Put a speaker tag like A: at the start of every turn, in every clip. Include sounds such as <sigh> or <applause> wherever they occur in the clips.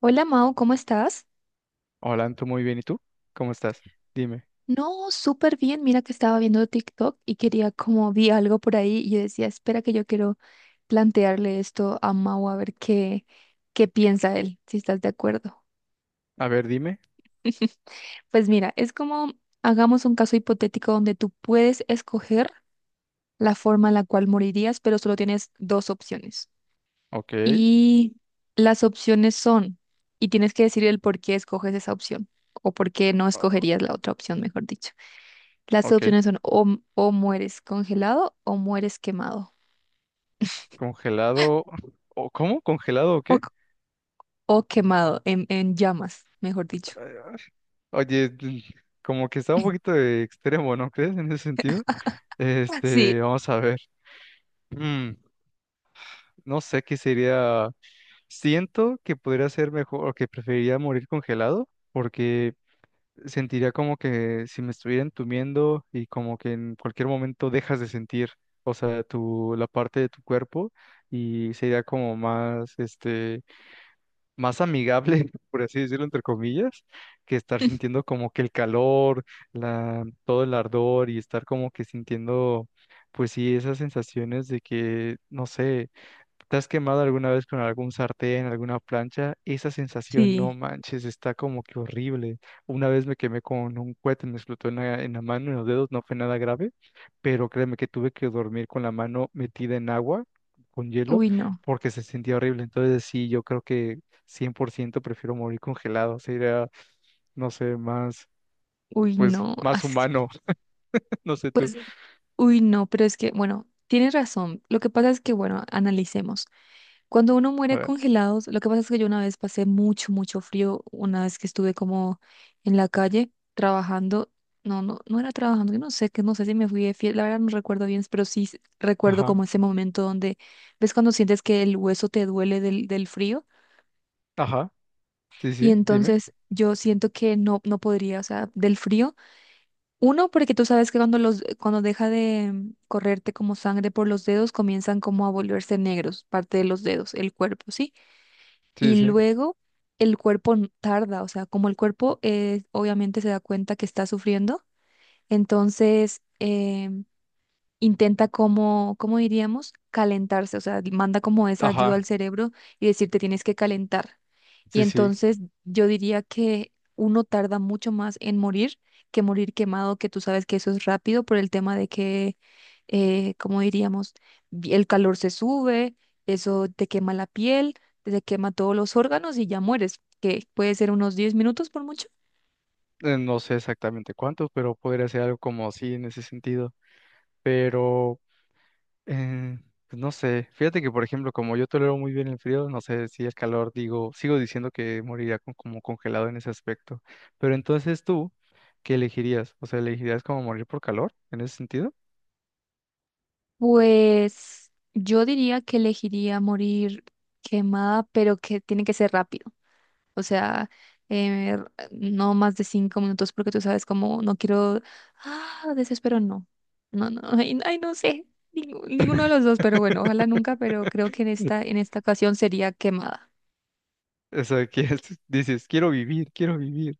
A: Hola Mau, ¿cómo estás?
B: Hola, Anto, muy bien. ¿Y tú? ¿Cómo estás? Dime.
A: No, súper bien. Mira que estaba viendo TikTok y quería como vi algo por ahí y yo decía, espera que yo quiero plantearle esto a Mau a ver qué, qué piensa él, si estás de acuerdo.
B: A ver, dime.
A: Pues mira, es como hagamos un caso hipotético donde tú puedes escoger la forma en la cual morirías, pero solo tienes dos opciones.
B: Ok.
A: Y las opciones son, y tienes que decir el por qué escoges esa opción o por qué no
B: Ah,
A: escogerías la otra opción, mejor dicho. Las
B: ok.
A: opciones son o mueres congelado o mueres quemado.
B: Congelado. ¿O cómo? ¿Congelado o
A: O,
B: qué?
A: o quemado, en llamas, mejor dicho.
B: Ah, oye, como que está un poquito de extremo, ¿no crees? En ese sentido.
A: Sí,
B: Vamos a ver. Mm, no sé qué sería. Siento que podría ser mejor o que preferiría morir congelado porque sentiría como que si me estuviera entumiendo y como que en cualquier momento dejas de sentir, o sea, la parte de tu cuerpo y sería como más, más amigable, <laughs> por así decirlo, entre comillas, que estar sintiendo como que el calor, todo el ardor y estar como que sintiendo, pues sí, esas sensaciones de que, no sé. ¿Te has quemado alguna vez con algún sartén, alguna plancha? Esa sensación, no
A: sí.
B: manches, está como que horrible. Una vez me quemé con un cohete, me explotó en la mano, en los dedos, no fue nada grave, pero créeme que tuve que dormir con la mano metida en agua, con hielo,
A: Uy, no,
B: porque se sentía horrible. Entonces sí, yo creo que 100% prefiero morir congelado, sería, no sé, más,
A: uy,
B: pues,
A: no. <laughs>
B: más
A: así que-
B: humano, <laughs> no sé tú.
A: pues, uy, no, pero es que, bueno, tienes razón. Lo que pasa es que, bueno, analicemos. Cuando uno
B: A
A: muere
B: ver,
A: congelados, lo que pasa es que yo una vez pasé mucho, mucho frío, una vez que estuve como en la calle trabajando, no, no, no era trabajando, yo no sé, que no sé si me fui de fiel, la verdad no recuerdo bien, pero sí s- recuerdo
B: ajá,
A: como ese momento donde, ves cuando sientes que el hueso te duele del frío,
B: ajá, sí,
A: y
B: sí, dime,
A: entonces yo siento que no, no podría, o sea, del frío. Uno, porque tú sabes que cuando los, cuando deja de correrte como sangre por los dedos, comienzan como a volverse negros, parte de los dedos, el cuerpo, ¿sí?
B: sí,
A: Y
B: sí,
A: luego el cuerpo n- tarda, o sea, como el cuerpo obviamente se da cuenta que está sufriendo, entonces intenta como, ¿cómo diríamos? Calentarse, o sea, manda como esa ayuda al
B: ajá,
A: cerebro y decirte tienes que calentar. Y
B: sí, sí.
A: entonces yo diría que uno tarda mucho más en morir que morir quemado, que tú sabes que eso es rápido por el tema de que, como diríamos, vi- el calor se sube, eso te quema la piel, te quema todos los órganos y ya mueres, que puede ser unos 10 minutos por mucho.
B: No sé exactamente cuántos, pero podría ser algo como así en ese sentido. Pero, eh, pues no sé, fíjate que por ejemplo, como yo tolero muy bien el frío, no sé si el calor, digo, sigo diciendo que moriría como congelado en ese aspecto. Pero entonces tú, ¿qué elegirías? O sea, ¿elegirías como morir por calor en ese sentido?
A: Pues yo diría que elegiría morir quemada, pero que tiene que ser rápido. O sea, eh, no más de 5 minutos porque tú sabes cómo no quiero, ah, desespero, no. No, no, <laughs> ay, ay, no sé, ningú- ninguno de los dos, pero bueno, ojalá
B: <laughs>
A: nunca, pero creo que en esta ocasión sería quemada.
B: O sea, que <laughs> dices, quiero vivir, quiero vivir.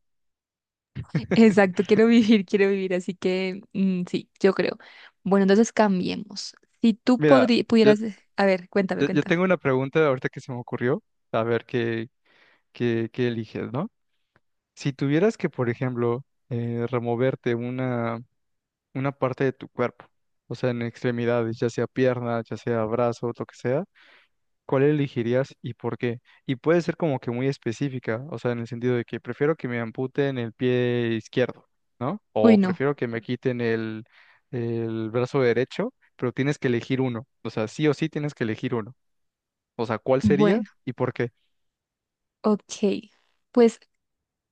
A: <laughs>
B: <laughs>
A: Exacto, quiero vivir, así que mm, sí, yo creo. Bueno, entonces cambiemos. Si tú
B: Mira,
A: podri-
B: yo,
A: pudieras, a ver, cuéntame,
B: yo
A: cuéntame.
B: tengo una pregunta ahorita que se me ocurrió, a ver qué eliges, ¿no? Si tuvieras que, por ejemplo, removerte una parte de tu cuerpo, o sea, en extremidades, ya sea pierna, ya sea brazo, lo que sea, ¿cuál elegirías y por qué? Y puede ser como que muy específica, o sea, en el sentido de que prefiero que me amputen el pie izquierdo, ¿no?
A: Uy,
B: O
A: no.
B: prefiero que me quiten el brazo derecho, pero tienes que elegir uno, o sea, sí o sí tienes que elegir uno. O sea, ¿cuál sería
A: Bueno,
B: y por qué?
A: ok. Pues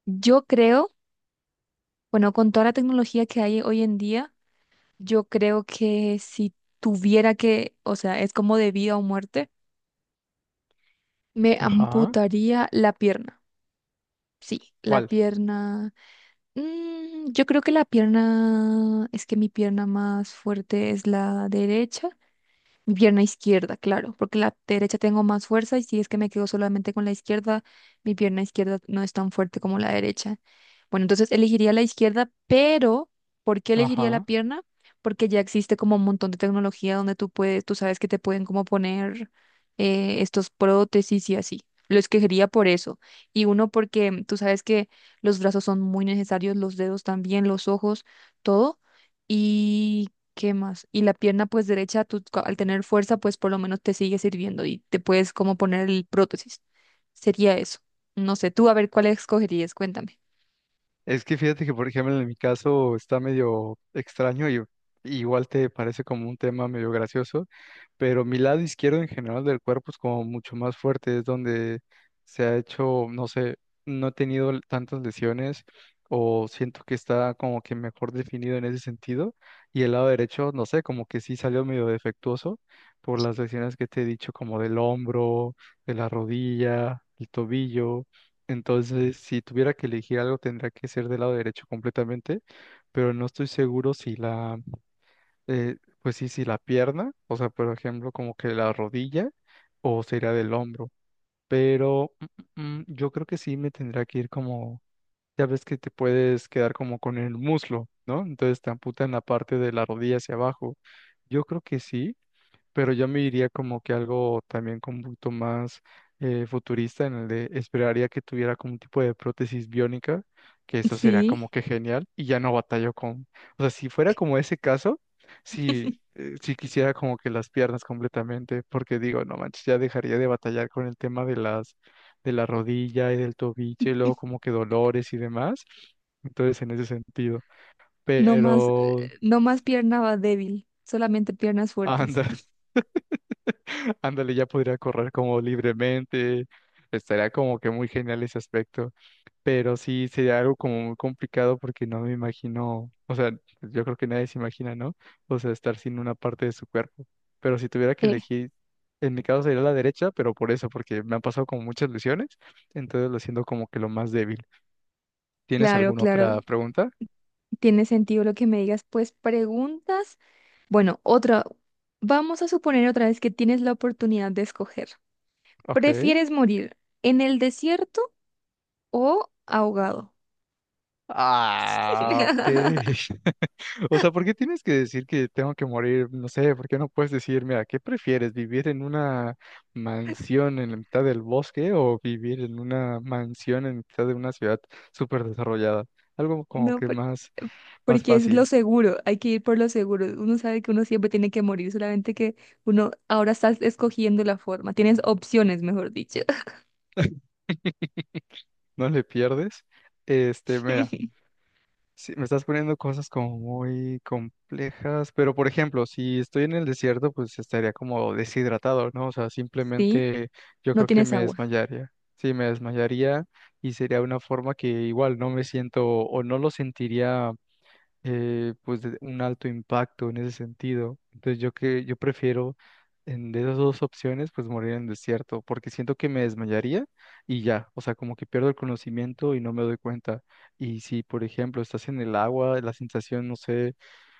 A: yo creo, bueno, con toda la tecnología que hay hoy en día, yo creo que si tuviera que, o sea, es como de vida o muerte, me
B: Ajá,
A: amputaría la pierna. Sí, la
B: ¿cuál?
A: pierna. Mm, yo creo que la pierna, es que mi pierna más fuerte es la derecha. Mi pierna izquierda, claro, porque la derecha tengo más fuerza y si es que me quedo solamente con la izquierda, mi pierna izquierda no es tan fuerte como la derecha. Bueno, entonces elegiría la izquierda, pero ¿por qué elegiría la
B: Ajá.
A: pierna? Porque ya existe como un montón de tecnología donde tú puedes, tú sabes que te pueden como poner estos prótesis y así. Lo escogería por eso. Y uno porque tú sabes que los brazos son muy necesarios, los dedos también, los ojos, todo. ¿Qué más? Y la pierna pues derecha, tú co- al tener fuerza, pues por lo menos te sigue sirviendo y te puedes como poner el prótesis. Sería eso. No sé, tú a ver cuál escogerías, cuéntame. <laughs>
B: Es que fíjate que, por ejemplo, en mi caso está medio extraño y igual te parece como un tema medio gracioso, pero mi lado izquierdo en general del cuerpo es como mucho más fuerte, es donde se ha hecho, no sé, no he tenido tantas lesiones o siento que está como que mejor definido en ese sentido y el lado derecho, no sé, como que sí salió medio defectuoso por las lesiones que te he dicho como del hombro, de la rodilla, el tobillo. Entonces, si tuviera que elegir algo, tendría que ser del lado derecho completamente, pero no estoy seguro si la, eh, pues sí, si la pierna, o sea, por ejemplo, como que la rodilla o sería del hombro, pero yo creo que sí me tendría que ir como, ya ves que te puedes quedar como con el muslo, ¿no? Entonces te amputan la parte de la rodilla hacia abajo. Yo creo que sí, pero yo me iría como que algo también como un poquito más futurista, en el de esperaría que tuviera como un tipo de prótesis biónica, que eso sería como
A: Sí,
B: que genial, y ya no batallo con, o sea, si fuera como ese caso, si, si quisiera como que las piernas completamente, porque digo, no manches, ya dejaría de batallar con el tema de las, de la rodilla y del tobillo, y luego como que dolores y demás, entonces en ese sentido,
A: no más,
B: pero...
A: no más pierna va débil, solamente piernas fuertes.
B: Anda.
A: <laughs>
B: <laughs> Ándale, ya podría correr como libremente. Estaría como que muy genial ese aspecto. Pero sí sería algo como muy complicado porque no me imagino, o sea, yo creo que nadie se imagina, ¿no? O sea, estar sin una parte de su cuerpo. Pero si tuviera que
A: Eh,
B: elegir, en mi caso sería la derecha, pero por eso, porque me han pasado como muchas lesiones, entonces lo siento como que lo más débil. ¿Tienes
A: claro,
B: alguna
A: claro,
B: otra pregunta?
A: tiene sentido lo que me digas. Pues preguntas. Bueno, otra, vamos a suponer otra vez que tienes la oportunidad de escoger.
B: Ok.
A: ¿Prefieres morir en el desierto o ahogado?
B: Ah, ok.
A: <laughs>
B: <laughs> O sea, ¿por qué tienes que decir que tengo que morir? No sé, ¿por qué no puedes decir, mira, ¿qué prefieres? ¿Vivir en una mansión en la mitad del bosque o vivir en una mansión en mitad de una ciudad súper desarrollada? Algo como
A: No,
B: que más, más
A: porque es lo
B: fácil.
A: seguro, hay que ir por lo seguro. Uno sabe que uno siempre tiene que morir, solamente que uno ahora estás escogiendo la forma. Tienes opciones, mejor dicho.
B: <laughs> No le pierdes. Este, mira.
A: <laughs>
B: Sí, me estás poniendo cosas como muy complejas, pero por ejemplo, si estoy en el desierto, pues estaría como deshidratado, ¿no? O sea,
A: Sí,
B: simplemente yo
A: no
B: creo que
A: tienes
B: me
A: agua.
B: desmayaría. Sí, me desmayaría y sería una forma que igual no me siento o no lo sentiría pues de un alto impacto en ese sentido. Entonces yo que yo prefiero en, de esas dos opciones pues morir en el desierto porque siento que me desmayaría y ya, o sea, como que pierdo el conocimiento y no me doy cuenta. Y si por ejemplo estás en el agua, la sensación, no sé,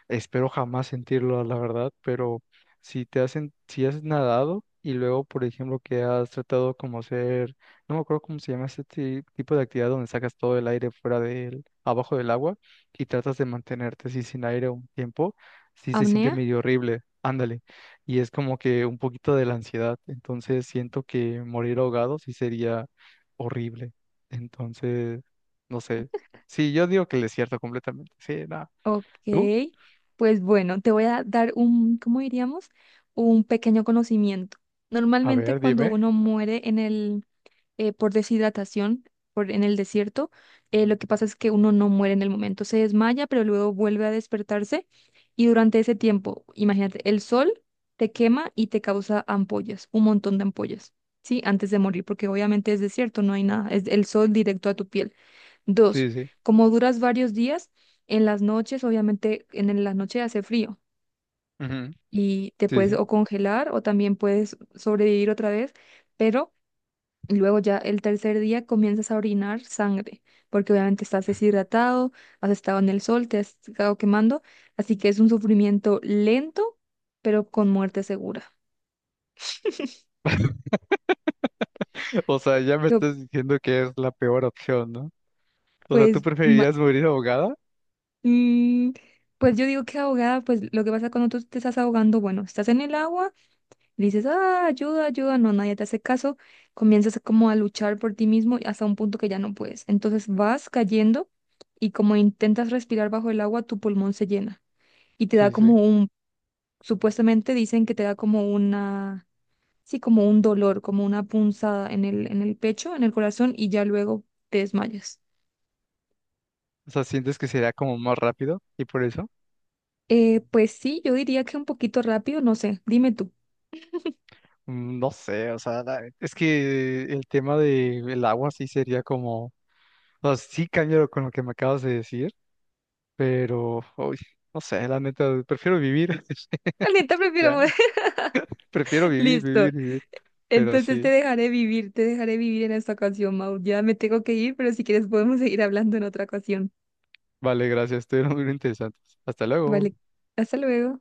B: espero jamás sentirlo, la verdad, pero si te hacen, si has nadado y luego, por ejemplo, que has tratado como hacer, no me acuerdo cómo se llama este tipo de actividad donde sacas todo el aire fuera del, abajo del agua y tratas de mantenerte así sin aire un tiempo, sí se siente
A: ¿Apnea?
B: medio horrible, ándale. Y es como que un poquito de la ansiedad, entonces siento que morir ahogado sí sería horrible. Entonces, no sé. Sí, yo digo que el desierto completamente. Sí, nada.
A: Ok. Pues bueno, te voy a dar un, ¿cómo diríamos? Un pequeño conocimiento.
B: A
A: Normalmente
B: ver,
A: cuando
B: dime.
A: uno muere en el por deshidratación por, en el desierto. Lo que pasa es que uno no muere en el momento, se desmaya, pero luego vuelve a despertarse y durante ese tiempo, imagínate, el sol te quema y te causa ampollas, un montón de ampollas, ¿sí? Antes de morir, porque obviamente es desierto, no hay nada, es el sol directo a tu piel. Dos,
B: Sí, sí.
A: como duras varios días, en las noches, obviamente en la noche hace frío.
B: Ujú,
A: Y te
B: sí,
A: puedes
B: sí.
A: o congelar o también puedes sobrevivir otra vez, pero y luego ya el tercer día comienzas a orinar sangre, porque obviamente estás deshidratado, has estado en el sol, te has estado quemando, así que es un sufrimiento lento, pero con muerte segura.
B: O sea, ya me
A: Yo,
B: estás diciendo que es la peor opción, ¿no? O sea, ¿tú
A: pues, ma-
B: preferirías morir ahogada?
A: mm, pues yo digo que ahogada, pues lo que pasa cuando tú te estás ahogando, bueno, estás en el agua, y dices, ah, ayuda, ayuda, no, nadie te hace caso, comienzas como a luchar por ti mismo hasta un punto que ya no puedes. Entonces vas cayendo y como intentas respirar bajo el agua, tu pulmón se llena. Y te da
B: Sí,
A: como
B: sí.
A: un, supuestamente dicen que te da como una, sí, como un dolor, como una punzada en el pecho, en el corazón y ya luego te desmayas.
B: O sea, ¿sientes que sería como más rápido y por eso?
A: Pues sí, yo diría que un poquito rápido, no sé, dime tú.
B: No sé, o sea, es que el tema del agua sí sería como, o sea, sí cambio con lo que me acabas de decir, pero, uy, no sé, la neta, prefiero vivir, <laughs>
A: <laughs> La neta prefiero
B: ya,
A: morir.
B: prefiero
A: <laughs>
B: vivir,
A: Listo.
B: vivir, vivir, pero
A: Entonces
B: sí,
A: te dejaré vivir en esta ocasión, Mau. Ya me tengo que ir, pero si quieres podemos seguir hablando en otra ocasión.
B: vale, gracias, estuvieron muy interesantes. Hasta luego.
A: Vale, hasta luego.